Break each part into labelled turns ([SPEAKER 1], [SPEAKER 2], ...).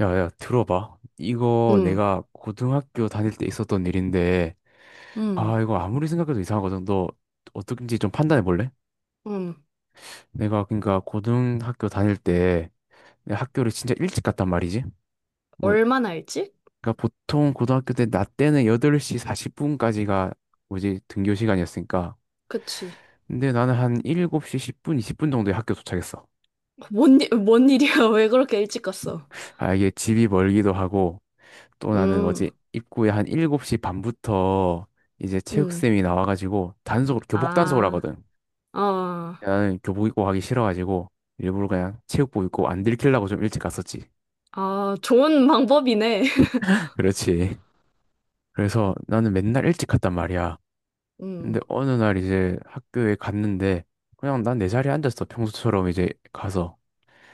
[SPEAKER 1] 야, 야, 들어봐. 이거
[SPEAKER 2] 응,
[SPEAKER 1] 내가 고등학교 다닐 때 있었던 일인데,
[SPEAKER 2] 응,
[SPEAKER 1] 아, 이거 아무리 생각해도 이상하거든. 너 어떻게인지 좀 판단해 볼래?
[SPEAKER 2] 응.
[SPEAKER 1] 내가 그러니까 고등학교 다닐 때 내가 학교를 진짜 일찍 갔단 말이지. 뭐,
[SPEAKER 2] 얼마나 일찍?
[SPEAKER 1] 그러니까 보통 고등학교 때 나 때는 8시 40분까지가 뭐지 등교 시간이었으니까.
[SPEAKER 2] 그치.
[SPEAKER 1] 근데 나는 한 7시 10분, 20분 정도에 학교 도착했어.
[SPEAKER 2] 뭔, 뭔 일이야? 왜 그렇게 일찍 갔어?
[SPEAKER 1] 아, 이게 집이 멀기도 하고, 또 나는
[SPEAKER 2] 음,
[SPEAKER 1] 뭐지 입구에 한 7시 반부터 이제
[SPEAKER 2] 음.
[SPEAKER 1] 체육쌤이 나와가지고 단속 교복 단속을
[SPEAKER 2] 아,
[SPEAKER 1] 하거든.
[SPEAKER 2] 아,
[SPEAKER 1] 나는 교복 입고 가기 싫어가지고 일부러 그냥 체육복 입고 안 들키려고 좀 일찍 갔었지.
[SPEAKER 2] 아, 좋은 방법이네.
[SPEAKER 1] 그렇지. 그래서 나는 맨날 일찍 갔단 말이야. 근데
[SPEAKER 2] 음,
[SPEAKER 1] 어느 날 이제 학교에 갔는데 그냥 난 내 자리에 앉았어. 평소처럼 이제 가서.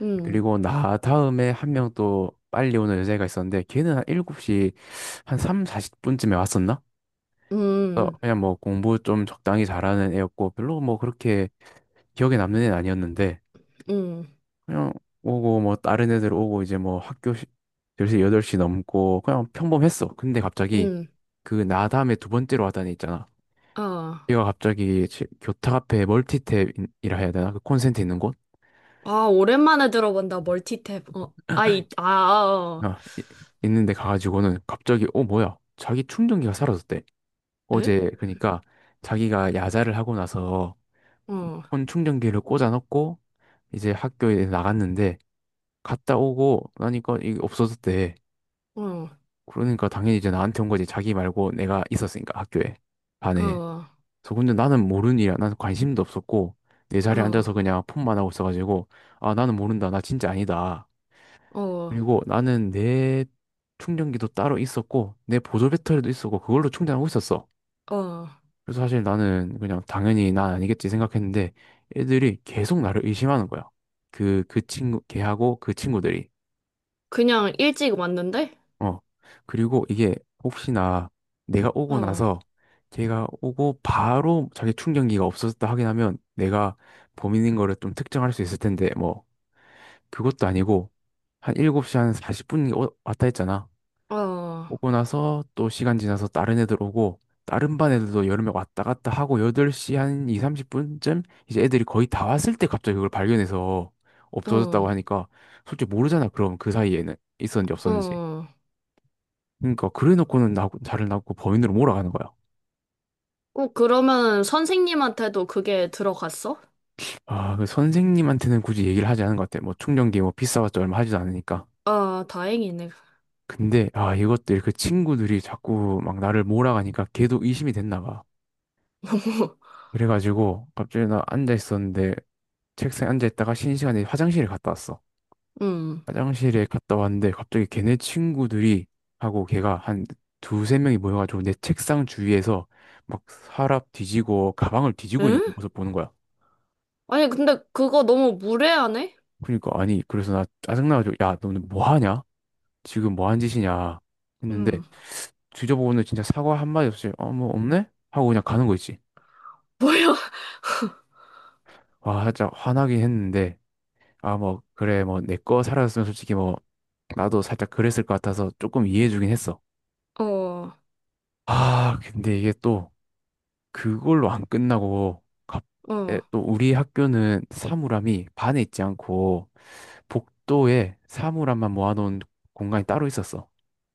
[SPEAKER 2] 음,
[SPEAKER 1] 그리고 나 다음에 한 명 또 빨리 오는 여자애가 있었는데 걔는 한 7시 한 3, 40분쯤에 왔었나? 그래서
[SPEAKER 2] 음,
[SPEAKER 1] 그냥 뭐 공부 좀 적당히 잘하는 애였고 별로 뭐 그렇게 기억에 남는 애는 아니었는데
[SPEAKER 2] 음,
[SPEAKER 1] 그냥 오고 뭐 다른 애들 오고 이제 뭐 학교 시- 1시여 8시 넘고 그냥 평범했어. 근데 갑자기
[SPEAKER 2] 음.
[SPEAKER 1] 그 나 다음에 두 번째로 왔다는 애 있잖아.
[SPEAKER 2] 아,
[SPEAKER 1] 얘가 갑자기 교탁 앞에 멀티탭이라 해야 되나? 그 콘센트 있는 곳?
[SPEAKER 2] 아, 오랜만에 들어본다. 멀티탭. 어, 아이, 아, 아, 어.
[SPEAKER 1] 아, 이- 있는데 가가지고는 갑자기 어 뭐야? 자기 충전기가 사라졌대.
[SPEAKER 2] 에?
[SPEAKER 1] 어제 그러니까 자기가 야자를 하고 나서
[SPEAKER 2] 어,
[SPEAKER 1] 폰 충전기를 꽂아놓고 이제 학교에 나갔는데 갔다 오고 나니까 이게 없어졌대.
[SPEAKER 2] 어,
[SPEAKER 1] 그러니까 당연히 이제 나한테 온 거지. 자기 말고 내가 있었으니까 학교에 반에.
[SPEAKER 2] 어,
[SPEAKER 1] 그래서 근데 나는 모르는 일이야. 나는 관심도 없었고 내 자리에
[SPEAKER 2] 어,
[SPEAKER 1] 앉아서 그냥 폰만 하고 있어가지고 아 나는 모른다. 나 진짜 아니다.
[SPEAKER 2] 어,
[SPEAKER 1] 그리고 나는 내 충전기도 따로 있었고 내 보조 배터리도 있었고 그걸로 충전하고 있었어.
[SPEAKER 2] 어.
[SPEAKER 1] 그래서 사실 나는 그냥 당연히 난 아니겠지 생각했는데 애들이 계속 나를 의심하는 거야. 그 친구, 걔하고 그 친구들이.
[SPEAKER 2] 그냥 일찍 왔는데?
[SPEAKER 1] 어. 그리고 이게 혹시나 내가 오고
[SPEAKER 2] 어,
[SPEAKER 1] 나서 걔가 오고 바로 자기 충전기가 없어졌다 하긴 하면 내가 범인인 거를 좀 특정할 수 있을 텐데 뭐 그것도 아니고 한 7시 한 40분 왔다 했잖아.
[SPEAKER 2] 어,
[SPEAKER 1] 오고 나서 또 시간 지나서 다른 애들 오고 다른 반 애들도 여름에 왔다 갔다 하고 8시 한 2, 30분쯤 이제 애들이 거의 다 왔을 때 갑자기 그걸 발견해서 없어졌다고
[SPEAKER 2] 어.
[SPEAKER 1] 하니까 솔직히 모르잖아. 그럼 그 사이에는 있었는지 없었는지.
[SPEAKER 2] 어.
[SPEAKER 1] 그러니까 그래 놓고는 나 자를 낳고 범인으로 몰아가는 거야.
[SPEAKER 2] 어, 그러면 선생님한테도 그게 들어갔어?
[SPEAKER 1] 아, 그 선생님한테는 굳이 얘기를 하지 않은 것 같아. 뭐 충전기 뭐 비싸봤자 얼마 하지도 않으니까.
[SPEAKER 2] 아, 다행이네.
[SPEAKER 1] 근데 아, 이것들 그 친구들이 자꾸 막 나를 몰아가니까 걔도 의심이 됐나 봐. 그래가지고 갑자기 나 앉아 있었는데 책상에 앉아 있다가 쉬는 시간에 화장실에 갔다 왔어.
[SPEAKER 2] 음.
[SPEAKER 1] 화장실에 갔다 왔는데 갑자기 걔네 친구들이 하고 걔가 한 두세 명이 모여가지고 내 책상 주위에서 막 서랍 뒤지고 가방을 뒤지고 있는
[SPEAKER 2] 응?
[SPEAKER 1] 모습 보는 거야.
[SPEAKER 2] 아니, 근데 그거 너무 무례하네?
[SPEAKER 1] 그러니까 아니 그래서 나 짜증나가지고 야 너는 뭐 하냐? 지금 뭐 한 짓이냐? 했는데
[SPEAKER 2] 음.
[SPEAKER 1] 뒤져보고는 진짜 사과 한마디 없이 어 뭐 없네? 하고 그냥 가는 거 있지.
[SPEAKER 2] 뭐야?
[SPEAKER 1] 와 살짝 화나긴 했는데 아 뭐 그래 뭐 내 거 사라졌으면 솔직히 뭐 나도 살짝 그랬을 것 같아서 조금 이해해주긴 했어.
[SPEAKER 2] 어,
[SPEAKER 1] 아, 근데 이게 또 그걸로 안 끝나고 에,
[SPEAKER 2] 어.
[SPEAKER 1] 또 우리 학교는 사물함이 반에 있지 않고 복도에 사물함만 모아놓은 공간이 따로 있었어.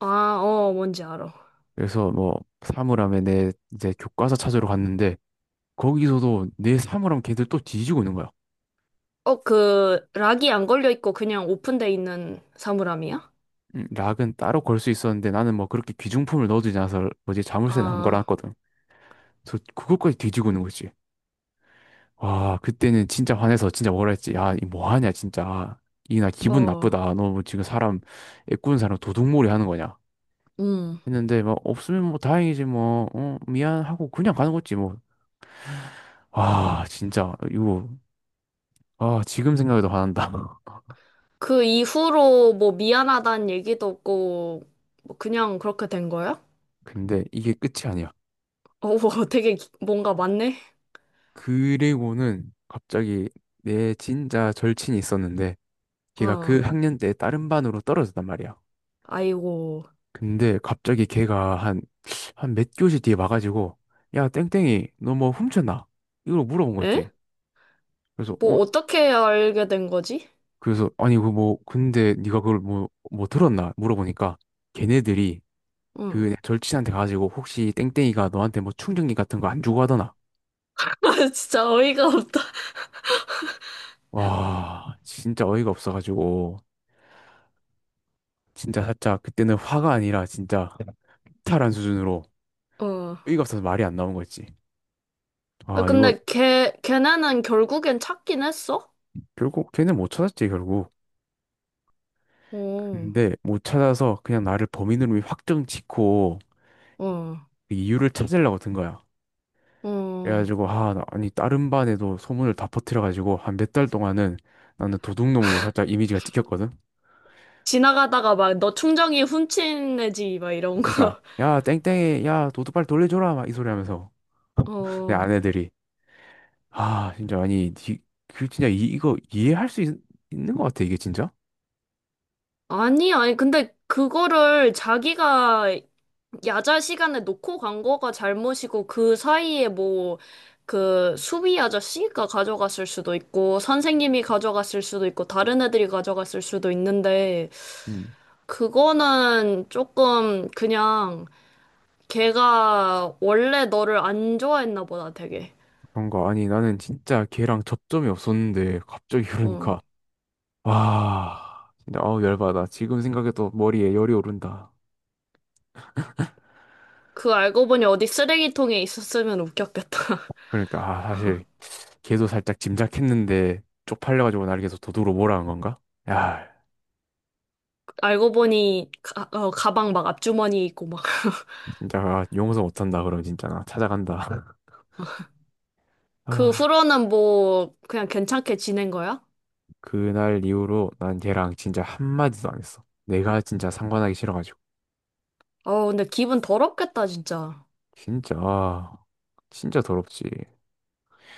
[SPEAKER 2] 아, 어, 뭔지 알아.
[SPEAKER 1] 그래서 뭐 사물함에 내 이제 교과서 찾으러 갔는데 거기서도 내 사물함 걔들 또 뒤지고 있는 거야.
[SPEAKER 2] 어, 그, 락이 안 걸려 있고 그냥 오픈돼 있는 사물함이야?
[SPEAKER 1] 락은 따로 걸 수 있었는데 나는 뭐 그렇게 귀중품을 넣어두지 않아서 뭐지 자물쇠는 안
[SPEAKER 2] 아,
[SPEAKER 1] 걸어놨거든. 그래서 그것까지 뒤지고 있는 거지. 와, 그때는 진짜 화내서 진짜 뭐라 했지? 야, 이 뭐 하냐, 진짜. 이나 기분
[SPEAKER 2] 어,
[SPEAKER 1] 나쁘다. 너 뭐 지금 사람, 애꾸는 사람 도둑몰이 하는 거냐?
[SPEAKER 2] 음.
[SPEAKER 1] 했는데, 막, 없으면 뭐 다행이지, 뭐, 어, 미안하고 그냥 가는 거지, 뭐. 아, 진짜, 이거, 아, 지금 생각해도 화난다.
[SPEAKER 2] 그 이후로 뭐 미안하다는 얘기도 없고, 뭐 그냥 그렇게 된 거야?
[SPEAKER 1] 근데 이게 끝이 아니야.
[SPEAKER 2] 어, 되게 뭔가 많네?
[SPEAKER 1] 그리고는 갑자기 내 진짜 절친이 있었는데, 걔가 그
[SPEAKER 2] 어,
[SPEAKER 1] 학년 때 다른 반으로 떨어졌단 말이야.
[SPEAKER 2] 아이고.
[SPEAKER 1] 근데 갑자기 걔가 한, 한 몇 교시 뒤에 와가지고, 야, 땡땡이, 너 뭐 훔쳤나? 이걸 물어본 거
[SPEAKER 2] 에?
[SPEAKER 1] 있지. 그래서, 어,
[SPEAKER 2] 뭐 어떻게 알게 된 거지?
[SPEAKER 1] 그래서, 아니, 그 뭐, 근데 네가 그걸 뭐 들었나? 물어보니까, 걔네들이
[SPEAKER 2] 응.
[SPEAKER 1] 그 절친한테 가가지고, 혹시 땡땡이가 너한테 뭐 충전기 같은 거 안 주고 하더나?
[SPEAKER 2] 아, 진짜 어이가 없다.
[SPEAKER 1] 와, 진짜 어이가 없어가지고, 진짜 살짝, 그때는 화가 아니라 진짜, 이탈한 수준으로,
[SPEAKER 2] 어.
[SPEAKER 1] 어이가 없어서 말이 안 나온 거 있지.
[SPEAKER 2] 아,
[SPEAKER 1] 아, 이거,
[SPEAKER 2] 근데 걔네는 결국엔 찾긴 했어?
[SPEAKER 1] 결국 걔는 못 찾았지, 결국.
[SPEAKER 2] 어,
[SPEAKER 1] 근데 못 찾아서 그냥 나를 범인으로 확정 짓고
[SPEAKER 2] 어,
[SPEAKER 1] 그 이유를 찾으려고 든 거야.
[SPEAKER 2] 어.
[SPEAKER 1] 그래가지고 아니 다른 반에도 소문을 다 퍼뜨려가지고 한 몇 달 동안은 나는 도둑놈으로 살짝 이미지가 찍혔거든.
[SPEAKER 2] 지나가다가 막 너 충전기 훔친 애지, 막 이런
[SPEAKER 1] 그러니까
[SPEAKER 2] 거.
[SPEAKER 1] 야 땡땡이 야 도둑 빨리 돌려줘라 막 이 소리 하면서 내
[SPEAKER 2] 어.
[SPEAKER 1] 아내들이 아 진짜 아니 그 진짜 이거 이해할 수 있, 는것 같아 이게 진짜.
[SPEAKER 2] 아니, 아니, 근데 그거를 자기가 야자 시간에 놓고 간 거가 잘못이고 그 사이에 뭐 그 수비 아저씨가 가져갔을 수도 있고 선생님이 가져갔을 수도 있고 다른 애들이 가져갔을 수도 있는데
[SPEAKER 1] 음.
[SPEAKER 2] 그거는 조금 그냥 걔가 원래 너를 안 좋아했나 보다 되게.
[SPEAKER 1] 그런 거 아니 나는 진짜 걔랑 접점이 없었는데 갑자기
[SPEAKER 2] 어.
[SPEAKER 1] 그러니까 와, 진짜 어우 열받아. 지금 생각해도 머리에 열이 오른다.
[SPEAKER 2] 그 알고 보니 어디 쓰레기통에 있었으면 웃겼겠다.
[SPEAKER 1] 그러니까 아, 사실 걔도 살짝 짐작했는데 쪽팔려가지고 날 계속 도둑으로 몰아간 건가? 야,
[SPEAKER 2] 알고 보니 가, 어, 가방 막 앞주머니 있고 막.
[SPEAKER 1] 진짜 아, 용서 못한다. 그럼 진짜 나 찾아간다.
[SPEAKER 2] 그
[SPEAKER 1] 아,
[SPEAKER 2] 후로는 뭐 그냥 괜찮게 지낸 거야?
[SPEAKER 1] 그날 이후로 난 걔랑 진짜 한마디도 안 했어. 내가 진짜 상관하기 싫어가지고.
[SPEAKER 2] 어, 근데 기분 더럽겠다, 진짜.
[SPEAKER 1] 진짜 아, 진짜 더럽지.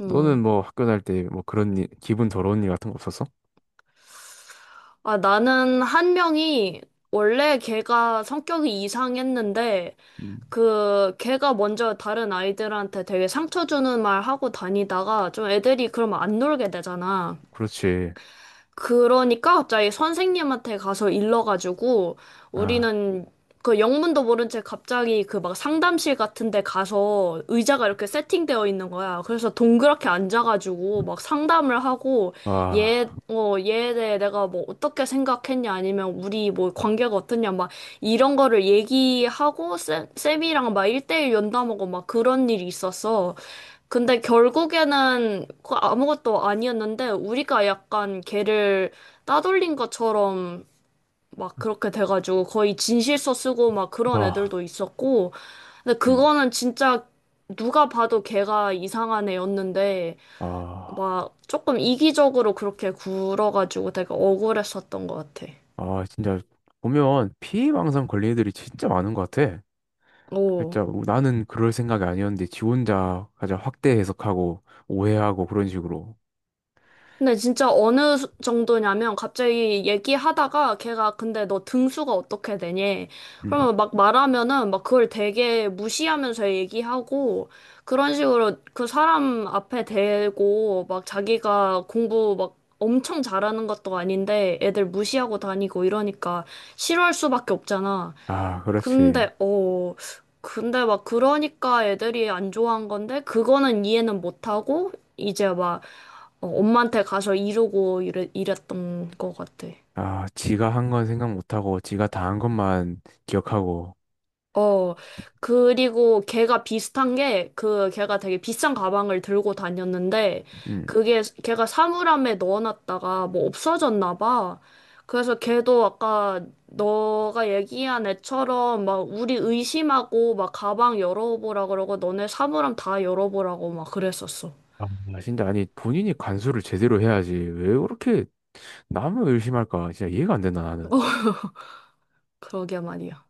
[SPEAKER 2] 음.
[SPEAKER 1] 너는 뭐 학교 다닐 때 뭐 그런 일, 기분 더러운 일 같은 거 없었어?
[SPEAKER 2] 아, 나는 한 명이 원래 걔가 성격이 이상했는데
[SPEAKER 1] 음,
[SPEAKER 2] 그 걔가 먼저 다른 아이들한테 되게 상처 주는 말 하고 다니다가 좀 애들이 그러면 안 놀게 되잖아.
[SPEAKER 1] 그렇지.
[SPEAKER 2] 그러니까 갑자기 선생님한테 가서 일러가지고
[SPEAKER 1] 아,
[SPEAKER 2] 우리는 그 영문도 모른 채 갑자기 그 막 상담실 같은 데 가서 의자가 이렇게 세팅되어 있는 거야. 그래서 동그랗게 앉아가지고 막 상담을 하고
[SPEAKER 1] 아,
[SPEAKER 2] 얘, 어, 얘에 대해 내가 뭐 어떻게 생각했냐 아니면 우리 뭐 관계가 어떻냐 막 이런 거를 얘기하고 쌤이랑 막 1대1 연담하고 막 그런 일이 있었어. 근데 결국에는 그 아무것도 아니었는데 우리가 약간 걔를 따돌린 것처럼 막 그렇게 돼가지고 거의 진실서 쓰고 막 그런
[SPEAKER 1] 아.
[SPEAKER 2] 애들도 있었고 근데 그거는 진짜 누가 봐도 걔가 이상한 애였는데
[SPEAKER 1] 아,
[SPEAKER 2] 막 조금 이기적으로 그렇게 굴어가지고 되게 억울했었던 것 같아.
[SPEAKER 1] 아, 진짜 보면 피해망상 걸린 애들이 진짜 많은 것 같아.
[SPEAKER 2] 오.
[SPEAKER 1] 진짜 나는 그럴 생각이 아니었는데 지 혼자 가장 확대 해석하고 오해하고 그런 식으로.
[SPEAKER 2] 근데 진짜 어느 정도냐면 갑자기 얘기하다가 걔가 근데 너 등수가 어떻게 되니?
[SPEAKER 1] 음.
[SPEAKER 2] 그러면 막 말하면은 막 그걸 되게 무시하면서 얘기하고 그런 식으로 그 사람 앞에 대고 막 자기가 공부 막 엄청 잘하는 것도 아닌데 애들 무시하고 다니고 이러니까 싫어할 수밖에 없잖아.
[SPEAKER 1] 아, 그렇지.
[SPEAKER 2] 근데, 어, 근데 막 그러니까 애들이 안 좋아한 건데, 그거는 이해는 못하고, 이제 막 어, 엄마한테 가서 이러고 이랬던 것 같아.
[SPEAKER 1] 아, 지가 한 건 생각 못하고 지가 다 한 것만 기억하고.
[SPEAKER 2] 어, 그리고 걔가 비슷한 게, 그, 걔가 되게 비싼 가방을 들고 다녔는데,
[SPEAKER 1] 음.
[SPEAKER 2] 걔가 사물함에 넣어놨다가 뭐 없어졌나 봐. 그래서 걔도 아까 너가 얘기한 애처럼 막 우리 의심하고 막 가방 열어보라 그러고 너네 사물함 다 열어보라고 막 그랬었어.
[SPEAKER 1] 아, 진짜 아니 본인이 간수를 제대로 해야지. 왜 그렇게 남을 의심할까? 진짜 이해가 안 된다 나는.
[SPEAKER 2] 그러게 말이야.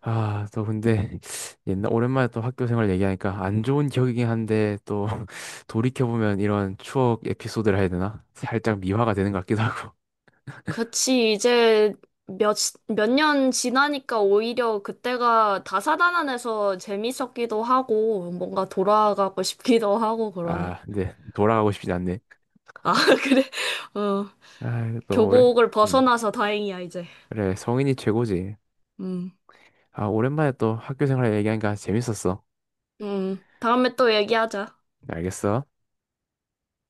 [SPEAKER 1] 아, 또 근데 옛날 오랜만에 또 학교 생활 얘기하니까 안 좋은 기억이긴 한데 또 돌이켜보면 이런 추억 에피소드를 해야 되나? 살짝 미화가 되는 것 같기도 하고.
[SPEAKER 2] 그치, 이제 몇, 몇 년 지나니까 오히려 그때가 다사다난해서 재밌었기도 하고, 뭔가 돌아가고 싶기도 하고 그러네.
[SPEAKER 1] 아, 근데 돌아가고 싶지 않네.
[SPEAKER 2] 아, 그래. 어,
[SPEAKER 1] 아, 또 오래.
[SPEAKER 2] 교복을
[SPEAKER 1] 음.
[SPEAKER 2] 벗어나서 다행이야, 이제.
[SPEAKER 1] 그래, 성인이 최고지.
[SPEAKER 2] 음,
[SPEAKER 1] 아, 오랜만에 또 학교 생활 얘기하니까 재밌었어.
[SPEAKER 2] 다음에 또 얘기하자.
[SPEAKER 1] 알겠어.